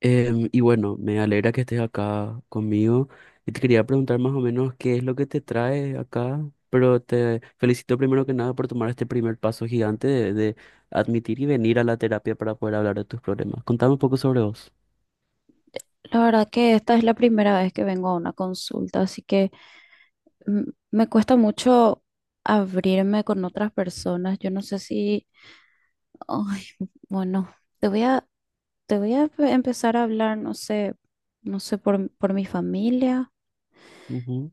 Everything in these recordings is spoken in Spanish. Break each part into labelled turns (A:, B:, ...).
A: Y bueno, me alegra que estés acá conmigo. Y te quería preguntar más o menos qué es lo que te trae acá, pero te felicito primero que nada por tomar este primer paso gigante de admitir y venir a la terapia para poder hablar de tus problemas. Contame un poco sobre vos.
B: La verdad que esta es la primera vez que vengo a una consulta, así que mm, me cuesta mucho abrirme con otras personas. Yo no sé si, ay, bueno, te voy a, te voy a empezar a hablar, no sé, por mi familia.
A: Ujú.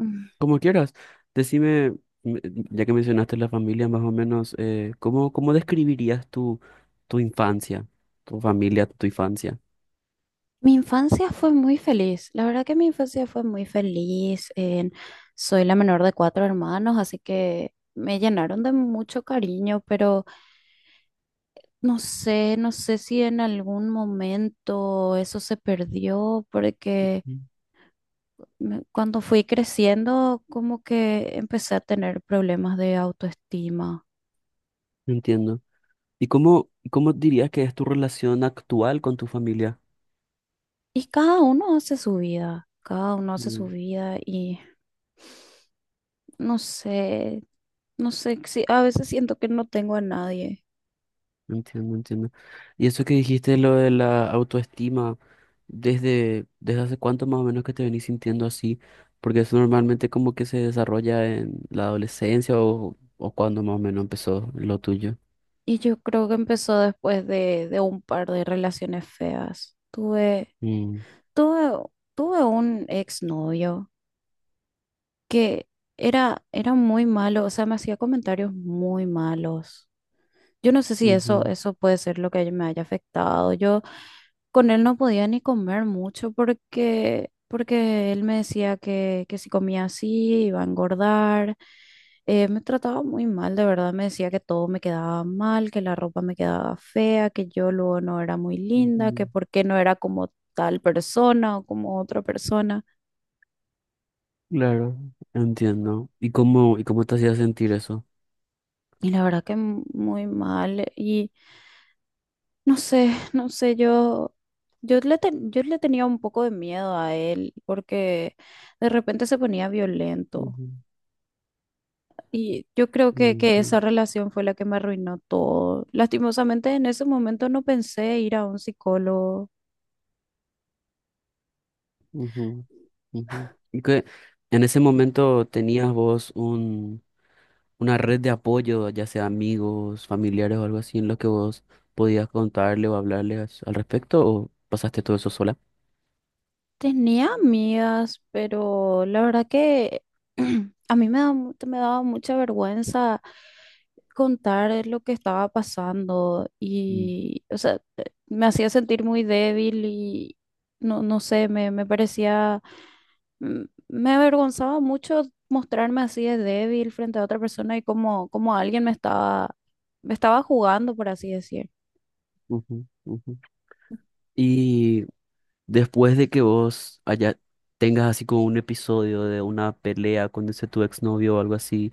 B: Mm,
A: Como quieras, decime, m- ya que mencionaste la familia, más o menos, ¿cómo, cómo describirías tu, tu infancia, tu familia, tu infancia?
B: Mi infancia fue muy feliz. La verdad que mi infancia fue muy feliz. Soy la menor de cuatro hermanos, así que me llenaron de mucho cariño, pero no sé, no sé si en algún momento eso se perdió, porque
A: Ujú.
B: cuando fui creciendo, como que empecé a tener problemas de autoestima.
A: Entiendo. ¿Y cómo, cómo dirías que es tu relación actual con tu familia?
B: Y cada uno hace su vida, cada uno hace su
A: Mm.
B: vida y no sé, no sé, si, a veces siento que no tengo a nadie.
A: Entiendo, entiendo. Y eso que dijiste, lo de la autoestima, ¿desde hace cuánto más o menos que te venís sintiendo así? Porque eso normalmente como que se desarrolla en la adolescencia o cuando más o menos empezó lo tuyo.
B: Y yo creo que empezó después de un par de relaciones feas.
A: Mm,
B: Tuve, Tuve un exnovio que era muy malo, o sea, me hacía comentarios muy malos. Yo no sé si
A: ujú,
B: eso puede ser lo que me haya afectado. Yo con él no podía ni comer mucho porque, porque él me decía que si comía así iba a engordar. Me trataba muy mal, de verdad, me decía que todo me quedaba mal, que la ropa me quedaba fea, que yo luego no era muy linda, que
A: ujú.
B: por qué no era como tal persona o como otra persona.
A: Claro, entiendo. Y cómo te hacía sentir eso?
B: Y la verdad que muy mal. Y no sé, yo le tenía un poco de miedo a él porque de repente se ponía violento
A: Ujú,
B: y yo creo que
A: ujú,
B: esa relación fue la que me arruinó todo. Lastimosamente en ese momento no pensé ir a un psicólogo.
A: ujú, ujú. Y que en ese momento tenías vos una red de apoyo, ya sea amigos, familiares o algo así, en lo que vos podías contarle o hablarle al respecto, ¿o pasaste todo eso sola?
B: Tenía amigas, pero la verdad que a mí me da me daba mucha vergüenza contar lo que estaba pasando
A: Mm,
B: y, o sea, me hacía sentir muy débil y no, me parecía, mm, me avergonzaba mucho mostrarme así de débil frente a otra persona y como, como alguien me estaba jugando, por así decir,
A: ujú, ujú. Y después de que tengas así como un episodio de una pelea con ese tu exnovio o algo así,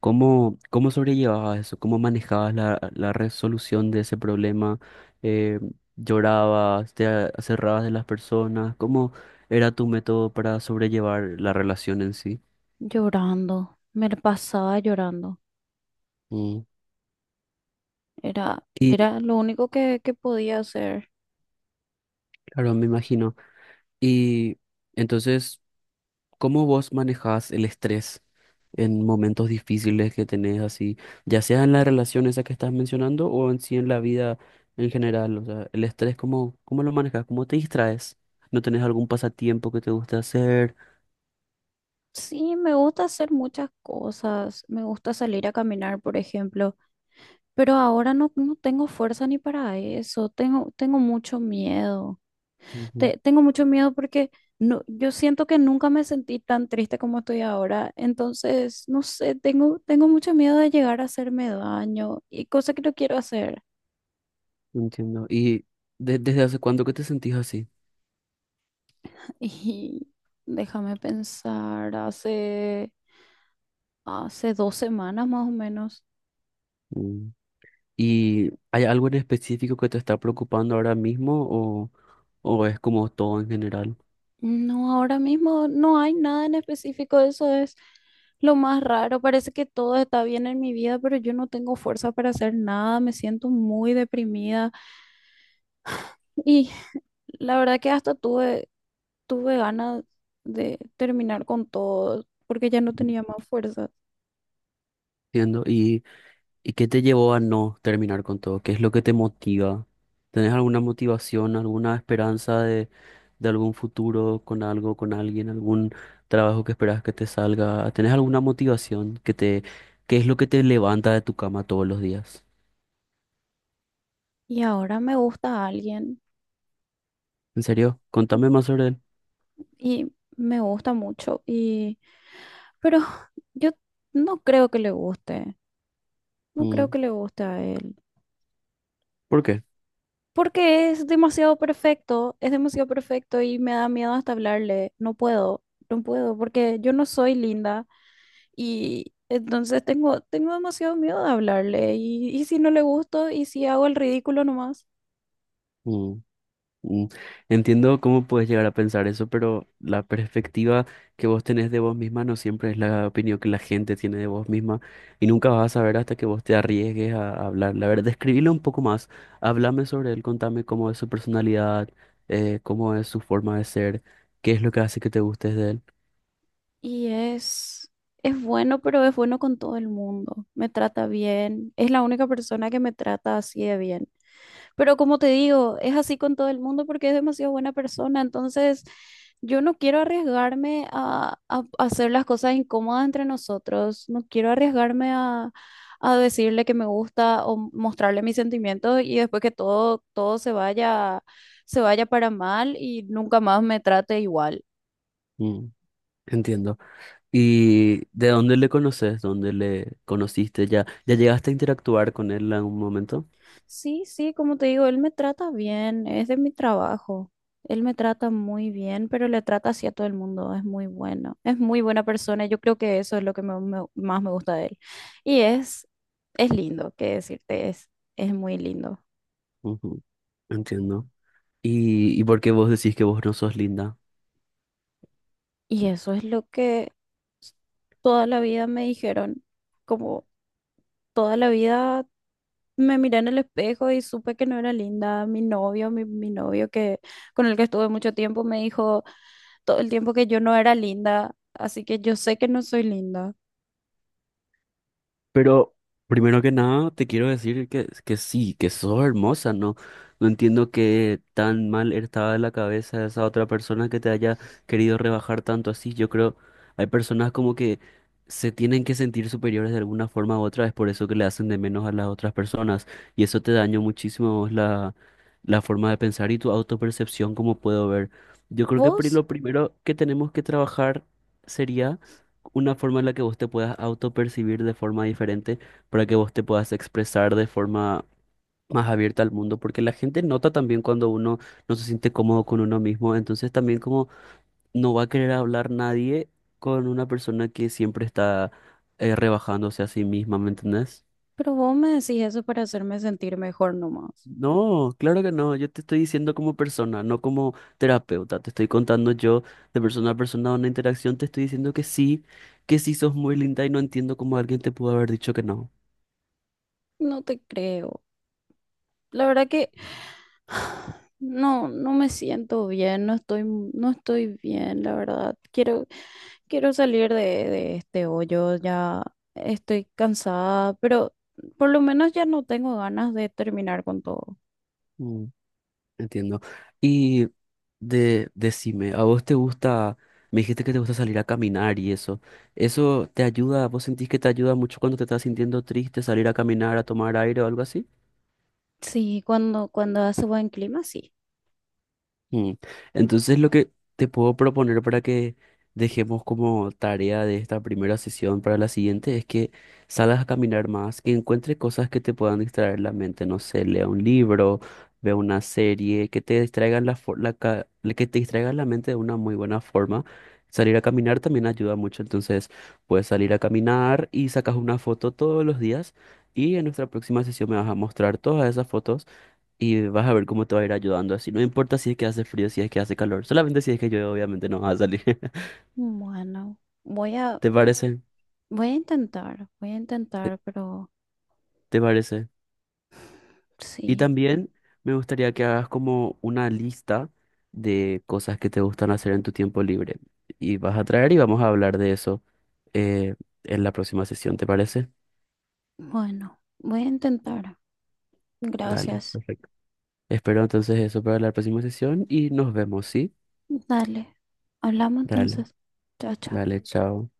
A: ¿cómo, cómo sobrellevabas eso? ¿Cómo manejabas la, la resolución de ese problema? Eh, ¿Llorabas? ¿Te cerrabas de las personas? ¿Cómo era tu método para sobrellevar la relación en sí?
B: llorando, me la pasaba llorando.
A: Mm. Y
B: Era lo único que podía hacer.
A: claro, me imagino. Y entonces, ¿cómo vos manejás el estrés en momentos difíciles que tenés así, ya sea en la relación esa que estás mencionando o en sí en la vida en general? O sea, el estrés, ¿cómo, cómo lo manejas? ¿Cómo te distraes? ¿No tenés algún pasatiempo que te guste hacer?
B: Sí, me gusta hacer muchas cosas, me gusta salir a caminar, por ejemplo, pero ahora no, no tengo fuerza ni para eso, tengo mucho miedo.
A: Ujú.
B: Tengo mucho miedo porque no, yo siento que nunca me sentí tan triste como estoy ahora. Entonces, no sé, tengo mucho miedo de llegar a hacerme daño y cosa que no quiero hacer.
A: Entiendo. ¿Y desde hace cuándo que te sentís así?
B: Y déjame pensar, hace dos semanas más o menos.
A: Mm. ¿Y hay algo en específico que te está preocupando ahora mismo o es como todo en general?
B: No, ahora mismo no hay nada en específico, eso es lo más raro. Parece que todo está bien en mi vida, pero yo no tengo fuerza para hacer nada, me siento muy deprimida. Y la verdad que hasta tuve ganas de terminar con todo porque ya no tenía más fuerza.
A: Entiendo. Y qué te llevó a no terminar con todo? ¿Qué es lo que te motiva? ¿Tenés alguna motivación, alguna esperanza de algún futuro con algo, con alguien, algún trabajo que esperas que te salga? ¿Tenés alguna motivación que te, qué es lo que te levanta de tu cama todos los días?
B: Y ahora me gusta alguien
A: ¿En serio? Contame más sobre él.
B: y me gusta mucho y pero yo no creo que le guste. No creo
A: Mm.
B: que le guste a él.
A: ¿Por qué?
B: Porque es demasiado perfecto y me da miedo hasta hablarle. No puedo, no puedo, porque yo no soy linda y entonces tengo demasiado miedo de hablarle. Y si no le gusto y si hago el ridículo nomás.
A: Mm. Entiendo cómo puedes llegar a pensar eso, pero la perspectiva que vos tenés de vos misma no siempre es la opinión que la gente tiene de vos misma y nunca vas a saber hasta que vos te arriesgues a hablarle. A ver, describilo un poco más, háblame sobre él, contame cómo es su personalidad, cómo es su forma de ser, qué es lo que hace que te gustes de él.
B: Y es bueno, pero es bueno con todo el mundo. Me trata bien. Es la única persona que me trata así de bien. Pero como te digo, es así con todo el mundo porque es demasiado buena persona. Entonces, yo no quiero arriesgarme a hacer las cosas incómodas entre nosotros. No quiero arriesgarme a decirle que me gusta o mostrarle mis sentimientos y después que todo, todo se vaya para mal y nunca más me trate igual.
A: Mm. Entiendo. ¿Y de dónde le conoces? ¿Dónde le conociste? ¿Ya, ya llegaste a interactuar con él en algún momento?
B: Sí, sí, como te digo, él me trata bien, es de mi trabajo. Él me trata muy bien, pero le trata así a todo el mundo, es muy bueno, es muy buena persona, yo creo que eso es lo que más me gusta de él. Y es lindo, qué decirte, es muy lindo.
A: Ujú. Entiendo. Y por qué vos decís que vos no sos linda?
B: Y eso es lo que s- toda la vida me dijeron, como toda la vida me miré en el espejo y supe que no era linda. Mi novio que con el que estuve mucho tiempo, me dijo todo el tiempo que yo no era linda, así que yo sé que no soy linda.
A: Pero primero que nada te quiero decir que sí, que sos hermosa, ¿no? No entiendo que tan mal estaba la cabeza de esa otra persona que te haya querido rebajar tanto así. Yo creo, hay personas como que se tienen que sentir superiores de alguna forma u otra, es por eso que le hacen de menos a las otras personas. Y eso te dañó muchísimo a vos la forma de pensar y tu autopercepción, como puedo ver. Yo creo que
B: Vos,
A: lo primero que tenemos que trabajar sería una forma en la que vos te puedas autopercibir de forma diferente para que vos te puedas expresar de forma más abierta al mundo, porque la gente nota también cuando uno no se siente cómodo con uno mismo, entonces también como no va a querer hablar nadie con una persona que siempre está rebajándose a sí misma, ¿me entendés?
B: pero vos me decís eso para hacerme sentir mejor nomás.
A: No, claro que no. Yo te estoy diciendo como persona, no como terapeuta. Te estoy contando yo de persona a persona una interacción. Te estoy diciendo que sí sos muy linda y no entiendo cómo alguien te pudo haber dicho que no.
B: No te creo. La verdad que no, no me siento bien, no estoy bien, la verdad. Quiero salir de este hoyo, ya estoy cansada, pero por lo menos ya no tengo ganas de terminar con todo.
A: Mm, entiendo. Y de, decime, ¿a vos te gusta? Me dijiste que te gusta salir a caminar y eso. ¿Eso te ayuda? ¿Vos sentís que te ayuda mucho cuando te estás sintiendo triste, salir a caminar, a tomar aire o algo así?
B: Sí, cuando, cuando hace buen clima, sí.
A: Mm. Entonces, lo que te puedo proponer para que dejemos como tarea de esta primera sesión para la siguiente es que salgas a caminar más, que encuentres cosas que te puedan distraer la mente. No sé, lea un libro, vea una serie, que te distraigan la, la que te distraigan la mente de una muy buena forma. Salir a caminar también ayuda mucho, entonces puedes salir a caminar y sacas una foto todos los días y en nuestra próxima sesión me vas a mostrar todas esas fotos y vas a ver cómo te va a ir ayudando así. No importa si es que hace frío, si es que hace calor. Solamente si es que llueve, obviamente no vas a salir.
B: Bueno, voy a,
A: ¿Te parece?
B: voy a
A: ¿Te
B: intentar, pero
A: te parece? Y
B: sí,
A: también me gustaría que hagas como una lista de cosas que te gustan hacer en tu tiempo libre. Y vas a traer y vamos a hablar de eso eh, en la próxima sesión, ¿te parece?
B: bueno, voy a intentar.
A: Dale,
B: Gracias.
A: perfecto. Espero entonces eso para la próxima sesión y nos vemos, ¿sí?
B: Dale, hablamos
A: Dale,
B: entonces. Chao, chao.
A: dale, chao.